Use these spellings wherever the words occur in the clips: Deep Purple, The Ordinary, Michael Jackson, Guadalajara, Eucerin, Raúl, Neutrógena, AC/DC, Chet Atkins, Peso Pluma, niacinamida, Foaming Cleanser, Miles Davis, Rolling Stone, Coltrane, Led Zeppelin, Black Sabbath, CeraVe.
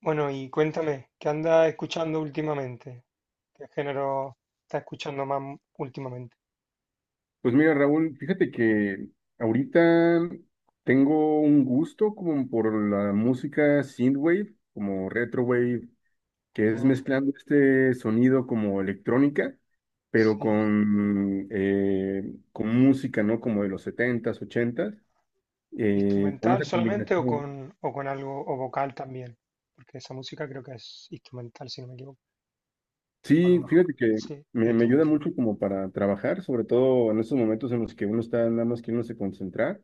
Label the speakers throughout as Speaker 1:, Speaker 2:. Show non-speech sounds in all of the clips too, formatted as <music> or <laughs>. Speaker 1: Bueno, y cuéntame, ¿qué andas escuchando últimamente? ¿Qué género estás escuchando más últimamente?
Speaker 2: Pues mira, Raúl, fíjate que ahorita tengo un gusto como por la música synthwave, como retrowave, que es
Speaker 1: Ah,
Speaker 2: mezclando este sonido como electrónica, pero
Speaker 1: sí.
Speaker 2: con música, ¿no? Como de los setentas, ochentas. Con
Speaker 1: ¿Instrumental
Speaker 2: esa
Speaker 1: solamente
Speaker 2: combinación.
Speaker 1: o con algo, o vocal también? Porque esa música creo que es instrumental, si no me equivoco. O a lo
Speaker 2: Sí,
Speaker 1: mejor,
Speaker 2: fíjate que
Speaker 1: sí,
Speaker 2: me ayuda
Speaker 1: instrumental.
Speaker 2: mucho como para trabajar, sobre todo en esos momentos en los que uno está nada más queriéndose concentrar,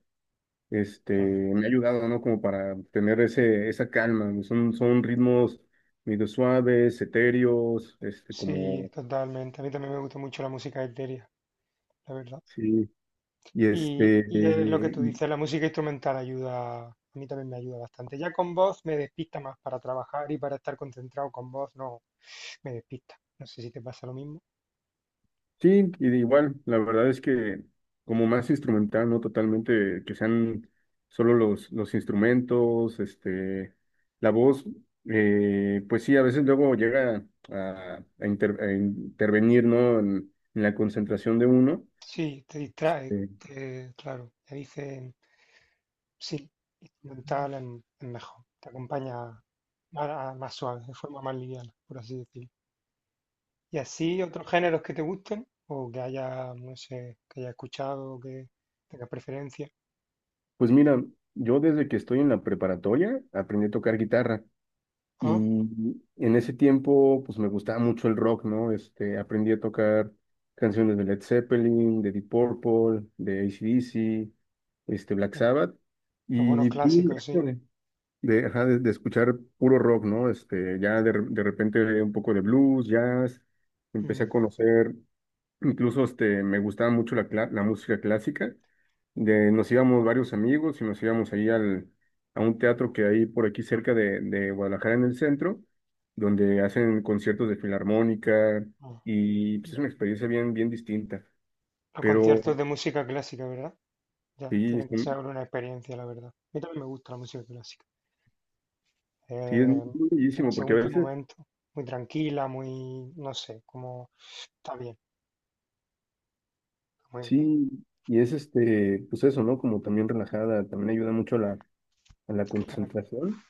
Speaker 2: este,
Speaker 1: Ah,
Speaker 2: me ha ayudado, ¿no? Como para tener esa calma. Son ritmos medio suaves, etéreos, este,
Speaker 1: sí,
Speaker 2: como,
Speaker 1: totalmente. A mí también me gusta mucho la música etérea, la verdad.
Speaker 2: sí. Y
Speaker 1: Y,
Speaker 2: este,
Speaker 1: y es lo que tú dices, la música instrumental ayuda, a mí también me ayuda bastante. Ya con voz me despista más para trabajar y para estar concentrado con voz, no me despista. No sé si te pasa lo mismo.
Speaker 2: sí, y de igual, la verdad es que como más instrumental, ¿no? Totalmente, que sean solo los instrumentos, este, la voz, pues sí, a veces luego llega a, a intervenir, ¿no? En la concentración de uno.
Speaker 1: Sí, te distrae,
Speaker 2: Este,
Speaker 1: claro. Te dicen, sí, instrumental en es mejor. Te acompaña más, más suave, de forma más liviana, por así decirlo. Y así, otros géneros que te gusten, o que haya, no sé, que haya escuchado, que tengas preferencia.
Speaker 2: pues mira, yo desde que estoy en la preparatoria aprendí a tocar guitarra y
Speaker 1: Ah,
Speaker 2: en ese tiempo pues me gustaba mucho el rock, ¿no? Este, aprendí a tocar canciones de Led Zeppelin, de Deep Purple, de AC/DC, este, Black
Speaker 1: ah,
Speaker 2: Sabbath,
Speaker 1: los buenos
Speaker 2: y tuve un
Speaker 1: clásicos, sí.
Speaker 2: rato de, ajá, de escuchar puro rock, ¿no? Este, ya de, de repente un poco de blues, jazz, empecé a
Speaker 1: Mm,
Speaker 2: conocer. Incluso este, me gustaba mucho la, la música clásica. De, nos íbamos varios amigos y nos íbamos ahí al, a un teatro que hay por aquí cerca de Guadalajara en el centro, donde hacen conciertos de filarmónica,
Speaker 1: ah.
Speaker 2: y pues, es una experiencia bien, bien distinta.
Speaker 1: Los
Speaker 2: Pero
Speaker 1: conciertos de música clásica, ¿verdad? Ya,
Speaker 2: sí,
Speaker 1: tiene que ser una experiencia, la verdad. A mí también me gusta la música clásica.
Speaker 2: sí es muy
Speaker 1: eh, pero
Speaker 2: bellísimo porque a
Speaker 1: según qué
Speaker 2: veces
Speaker 1: momento, muy tranquila, muy, no sé, como está bien, muy
Speaker 2: sí, y es este, pues eso, ¿no? Como también relajada, también ayuda mucho a la
Speaker 1: claro,
Speaker 2: concentración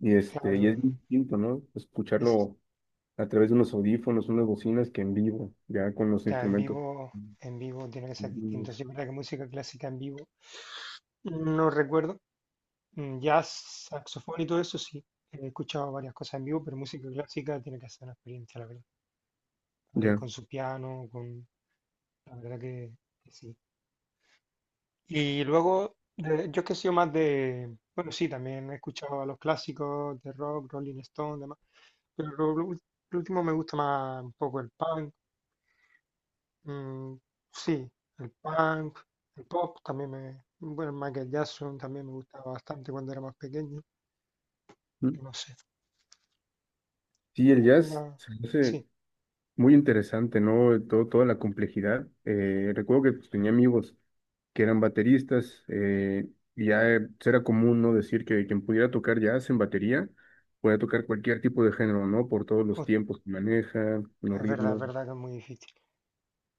Speaker 2: y este, y es
Speaker 1: claro.
Speaker 2: distinto, ¿no?
Speaker 1: Y s-
Speaker 2: Escucharlo a través de unos audífonos, unas bocinas que en vivo, ya con los
Speaker 1: ya
Speaker 2: instrumentos.
Speaker 1: en vivo tiene que ser
Speaker 2: Mm,
Speaker 1: distinto. Sí, es verdad que música clásica en vivo, no recuerdo. Mm. Jazz, saxofón y todo eso, sí. He escuchado varias cosas en vivo, pero música clásica tiene que ser una experiencia, la verdad. Ahí
Speaker 2: ya.
Speaker 1: con su piano, con... La verdad que sí. Y luego, yo es que he sido más de, bueno, sí, también he escuchado a los clásicos de rock, Rolling Stone, demás, pero lo último me gusta más un poco el punk, mm, sí, el punk, el pop también me, bueno, Michael Jackson también me gustaba bastante cuando era más pequeño,
Speaker 2: Mm.
Speaker 1: no sé,
Speaker 2: Sí, el jazz
Speaker 1: alguna,
Speaker 2: se me hace
Speaker 1: sí,
Speaker 2: muy interesante, ¿no? Todo, toda la complejidad. Recuerdo que pues, tenía amigos que eran bateristas, y ya pues, era común, ¿no? Decir que quien pudiera tocar jazz en batería, podía tocar cualquier tipo de género, ¿no? Por todos los
Speaker 1: o-
Speaker 2: tiempos que maneja, los
Speaker 1: es
Speaker 2: ritmos
Speaker 1: verdad que es muy difícil.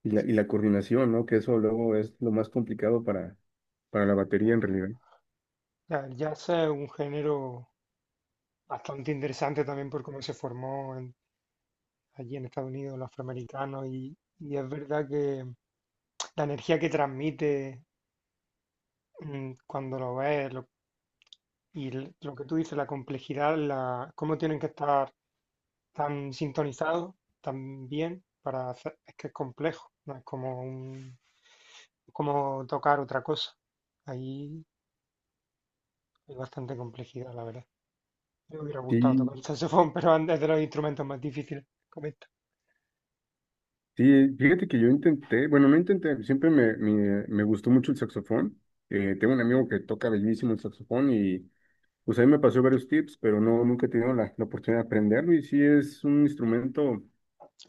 Speaker 2: y la coordinación, ¿no? Que eso luego es lo más complicado para la batería
Speaker 1: Ya,
Speaker 2: en realidad.
Speaker 1: ya, el jazz es un género bastante interesante también por cómo se formó allí en Estados Unidos, los afroamericanos, y es verdad que la energía que transmite mm, cuando y lo que tú dices, la complejidad, la, cómo tienen que estar tan sintonizados, tan bien, para hacer, es que es complejo, no es como un, como tocar otra cosa. Ahí hay bastante complejidad, la verdad. Me hubiera gustado
Speaker 2: Sí,
Speaker 1: tocar el saxofón, <laughs> pero es de los instrumentos más difíciles. Comenta.
Speaker 2: sí, fíjate que yo intenté, bueno, no intenté, siempre me, me gustó mucho el saxofón. Tengo un amigo que toca bellísimo el saxofón y pues ahí me pasó varios tips, pero no, nunca he tenido la, la oportunidad de aprenderlo y sí es un instrumento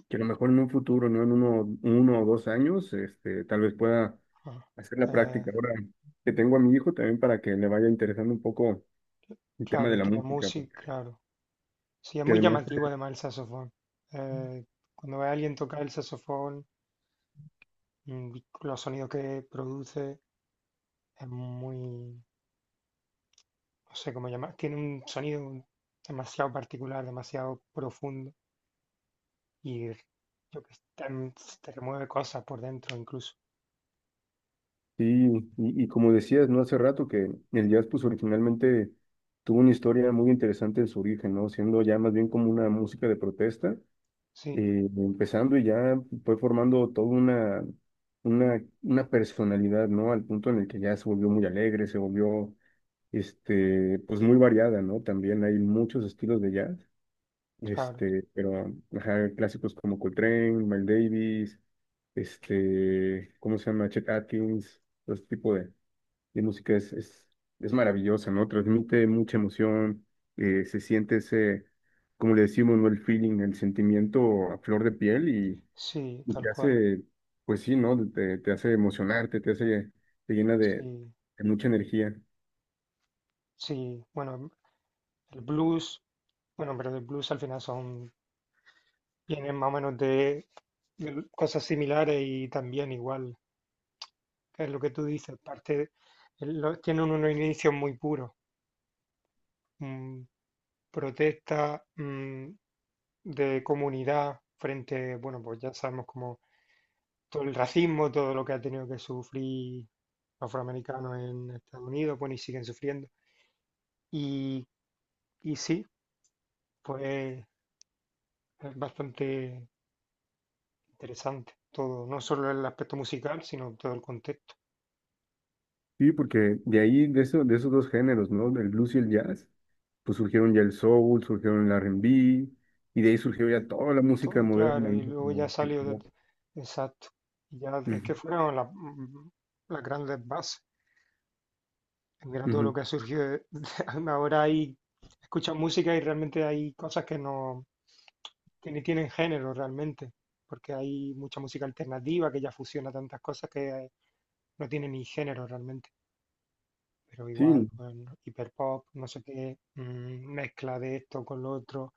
Speaker 2: que a lo mejor en un futuro, no en uno, uno o dos años, este, tal vez pueda
Speaker 1: Ajá.
Speaker 2: hacer la
Speaker 1: Pues
Speaker 2: práctica. Ahora que tengo a mi hijo también para que le vaya interesando un poco el tema
Speaker 1: claro,
Speaker 2: de
Speaker 1: el
Speaker 2: la
Speaker 1: tema
Speaker 2: música,
Speaker 1: music,
Speaker 2: porque
Speaker 1: claro. Sí, es
Speaker 2: que
Speaker 1: muy
Speaker 2: además
Speaker 1: llamativo además el saxofón. Eh, cuando ve a alguien tocar el saxofón, mm, los sonidos que produce, es muy, no sé cómo llamar, tiene un sonido demasiado particular, demasiado profundo y yo que sé, te remueve cosas por dentro incluso.
Speaker 2: sí, y como decías, ¿no? Hace rato que el jazz pues originalmente tuvo una historia muy interesante en su origen, ¿no? Siendo ya más bien como una música de protesta,
Speaker 1: Sí,
Speaker 2: empezando y ya fue formando toda una, una personalidad, ¿no? Al punto en el que ya se volvió muy alegre, se volvió, este, pues muy variada, ¿no? También hay muchos estilos de jazz,
Speaker 1: claro,
Speaker 2: este, pero ajá, clásicos como Coltrane, Miles Davis, este, ¿cómo se llama? Chet Atkins, todo ese tipo de y música es, es maravillosa, ¿no? Transmite mucha emoción, se siente ese, como le decimos, ¿no? El feeling, el sentimiento a flor de piel
Speaker 1: sí,
Speaker 2: y
Speaker 1: tal
Speaker 2: te
Speaker 1: cual.
Speaker 2: hace, pues sí, ¿no? Te hace emocionarte, te hace, te llena
Speaker 1: Sí,
Speaker 2: de mucha energía.
Speaker 1: sí, bueno, el blues, bueno, pero el blues al final son vienen más o menos de cosas similares y también igual, es lo que tú dices, parte, tienen unos inicios muy puros, mm, protesta, mm, de comunidad frente, bueno, pues ya sabemos como todo el racismo, todo lo que ha tenido que sufrir los afroamericanos en Estados Unidos, bueno, y siguen sufriendo. Y, y sí, pues es bastante interesante todo, no solo el aspecto musical, sino todo el contexto.
Speaker 2: Sí, porque de ahí, de, eso, de esos dos géneros, ¿no? Del blues y el jazz, pues surgieron ya el soul, surgieron el R&B, y de ahí surgió ya toda la música
Speaker 1: Todo,
Speaker 2: moderna,
Speaker 1: claro,
Speaker 2: ¿no?
Speaker 1: y luego ya
Speaker 2: Como hip
Speaker 1: salió de,
Speaker 2: hop.
Speaker 1: exacto. Y ya es
Speaker 2: Ujú,
Speaker 1: que fueron las, mm, las grandes bases. Mira todo lo
Speaker 2: ujú.
Speaker 1: que ha surgido. <laughs> Ahora hay, escuchas música y realmente hay cosas que no, que ni tienen género realmente, porque hay mucha música alternativa que ya fusiona tantas cosas que no tiene ni género realmente, pero
Speaker 2: Sí,
Speaker 1: igual, pues, hiperpop, no sé qué, mm, mezcla de esto con lo otro,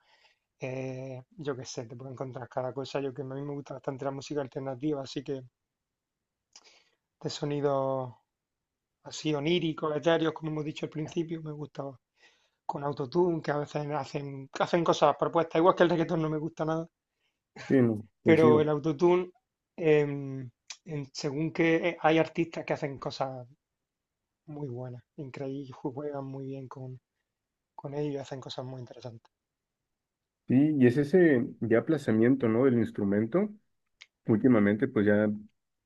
Speaker 1: yo qué sé, te puedo encontrar cada cosa. Yo que a mí me gusta bastante la música alternativa, así que de sonidos así oníricos, etéreos, como hemos dicho al principio, me gusta con autotune, que a veces hacen, hacen cosas propuestas, igual que el reggaetón no me gusta nada,
Speaker 2: sí,
Speaker 1: <laughs>
Speaker 2: no,
Speaker 1: pero
Speaker 2: coincido.
Speaker 1: el autotune, em, según que hay artistas que hacen cosas muy buena, increíble, juegan muy bien con ellos y hacen cosas muy interesantes.
Speaker 2: Sí, y es ese ya aplazamiento, ¿no? Del instrumento. Últimamente, pues ya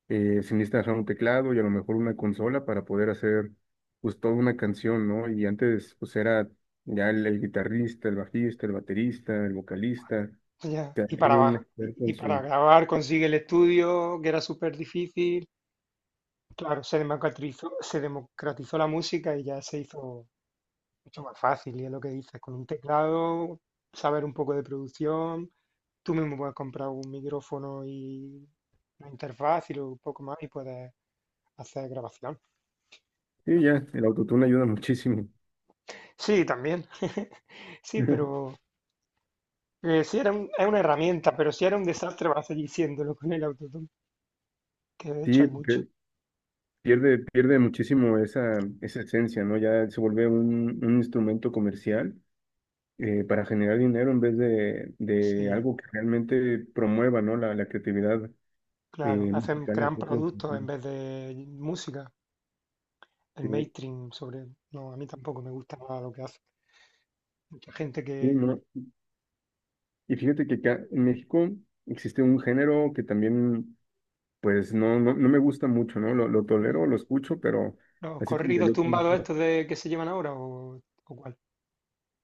Speaker 2: se necesita hacer un teclado y a lo mejor una consola para poder hacer pues toda una canción, ¿no? Y antes pues era ya el guitarrista, el bajista, el baterista, el vocalista,
Speaker 1: Ya,
Speaker 2: cada
Speaker 1: y para,
Speaker 2: quien un experto
Speaker 1: y
Speaker 2: en
Speaker 1: para
Speaker 2: su...
Speaker 1: grabar consigue el estudio, que era súper difícil. Claro, se democratizó la música y ya se hizo mucho más fácil, y es lo que dices, con un teclado, saber un poco de producción, tú mismo puedes comprar un micrófono y una interfaz y luego un poco más y puedes hacer grabación.
Speaker 2: Sí,
Speaker 1: Claro.
Speaker 2: ya, el autotune ayuda muchísimo.
Speaker 1: Sí, también. <laughs> Sí,
Speaker 2: <laughs>
Speaker 1: pero... sí, es una herramienta, pero si era un desastre vas a seguir siéndolo con el autotune, que de hecho
Speaker 2: Sí,
Speaker 1: hay mucho.
Speaker 2: porque pierde, pierde muchísimo esa, esa esencia, ¿no? Ya se vuelve un instrumento comercial para generar dinero en vez de
Speaker 1: Sí,
Speaker 2: algo que realmente promueva, ¿no? La creatividad
Speaker 1: claro, hacen,
Speaker 2: mexicana
Speaker 1: crean
Speaker 2: hacia otros
Speaker 1: productos en
Speaker 2: sentidos.
Speaker 1: vez de música, el
Speaker 2: Sí,
Speaker 1: mainstream sobre... No, a mí tampoco me gusta nada lo que hace. Mucha gente
Speaker 2: sí,
Speaker 1: que... mm,
Speaker 2: ¿no? Y fíjate que acá en México existe un género que también, pues, no, no, no me gusta mucho, ¿no? Lo
Speaker 1: el-
Speaker 2: tolero, lo escucho, pero
Speaker 1: los
Speaker 2: así como que
Speaker 1: corridos
Speaker 2: yo
Speaker 1: tumbados
Speaker 2: conozco,
Speaker 1: estos de, que se llevan ahora, o cuál.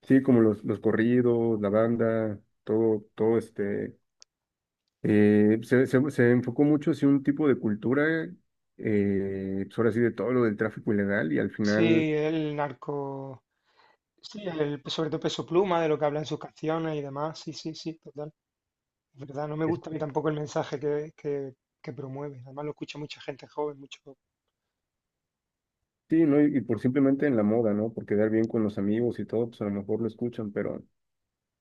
Speaker 2: sí, como los corridos, la banda, todo, todo este... Eh, se enfocó mucho hacia un tipo de cultura, pues ahora sí, de todo lo del tráfico ilegal y al final
Speaker 1: Sí, el narco... Sí, el, sobre todo Peso Pluma, de lo que habla en sus canciones y demás. Sí, sí, sí, es verdad, no me gusta a mí tampoco el mensaje que promueve. Además lo escucha mucha gente joven, mucho.
Speaker 2: sí, ¿no? Y por simplemente en la moda, ¿no? Por quedar bien con los amigos y todo, pues a lo mejor lo escuchan,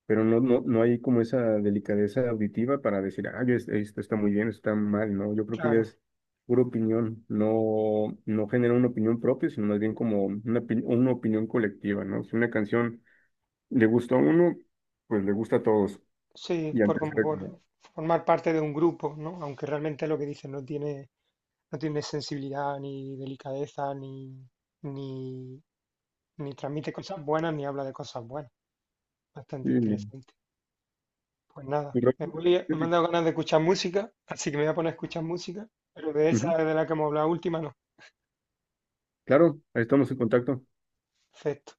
Speaker 2: pero no, no, no hay como esa delicadeza auditiva para decir, ah, yo esto está muy bien, esto está mal, ¿no? Yo creo que ya
Speaker 1: Claro,
Speaker 2: es pura opinión, no, no genera una opinión propia, sino más bien como una, una opinión colectiva, ¿no? Si una canción le gusta a uno, pues le gusta a todos.
Speaker 1: sí,
Speaker 2: Y
Speaker 1: por
Speaker 2: antes
Speaker 1: como
Speaker 2: era
Speaker 1: por
Speaker 2: como,
Speaker 1: formar parte de un grupo, ¿no? Aunque realmente lo que dice no tiene, no tiene sensibilidad, ni delicadeza, ni, ni, ni transmite cosas buenas, ni habla de cosas buenas.
Speaker 2: sí,
Speaker 1: Bastante
Speaker 2: no.
Speaker 1: interesante. Pues nada, me han dado ganas de escuchar música, así que me voy a poner a escuchar música, pero de esa
Speaker 2: Ujú,
Speaker 1: de la que hemos hablado última no.
Speaker 2: claro, ahí estamos en contacto.
Speaker 1: Perfecto.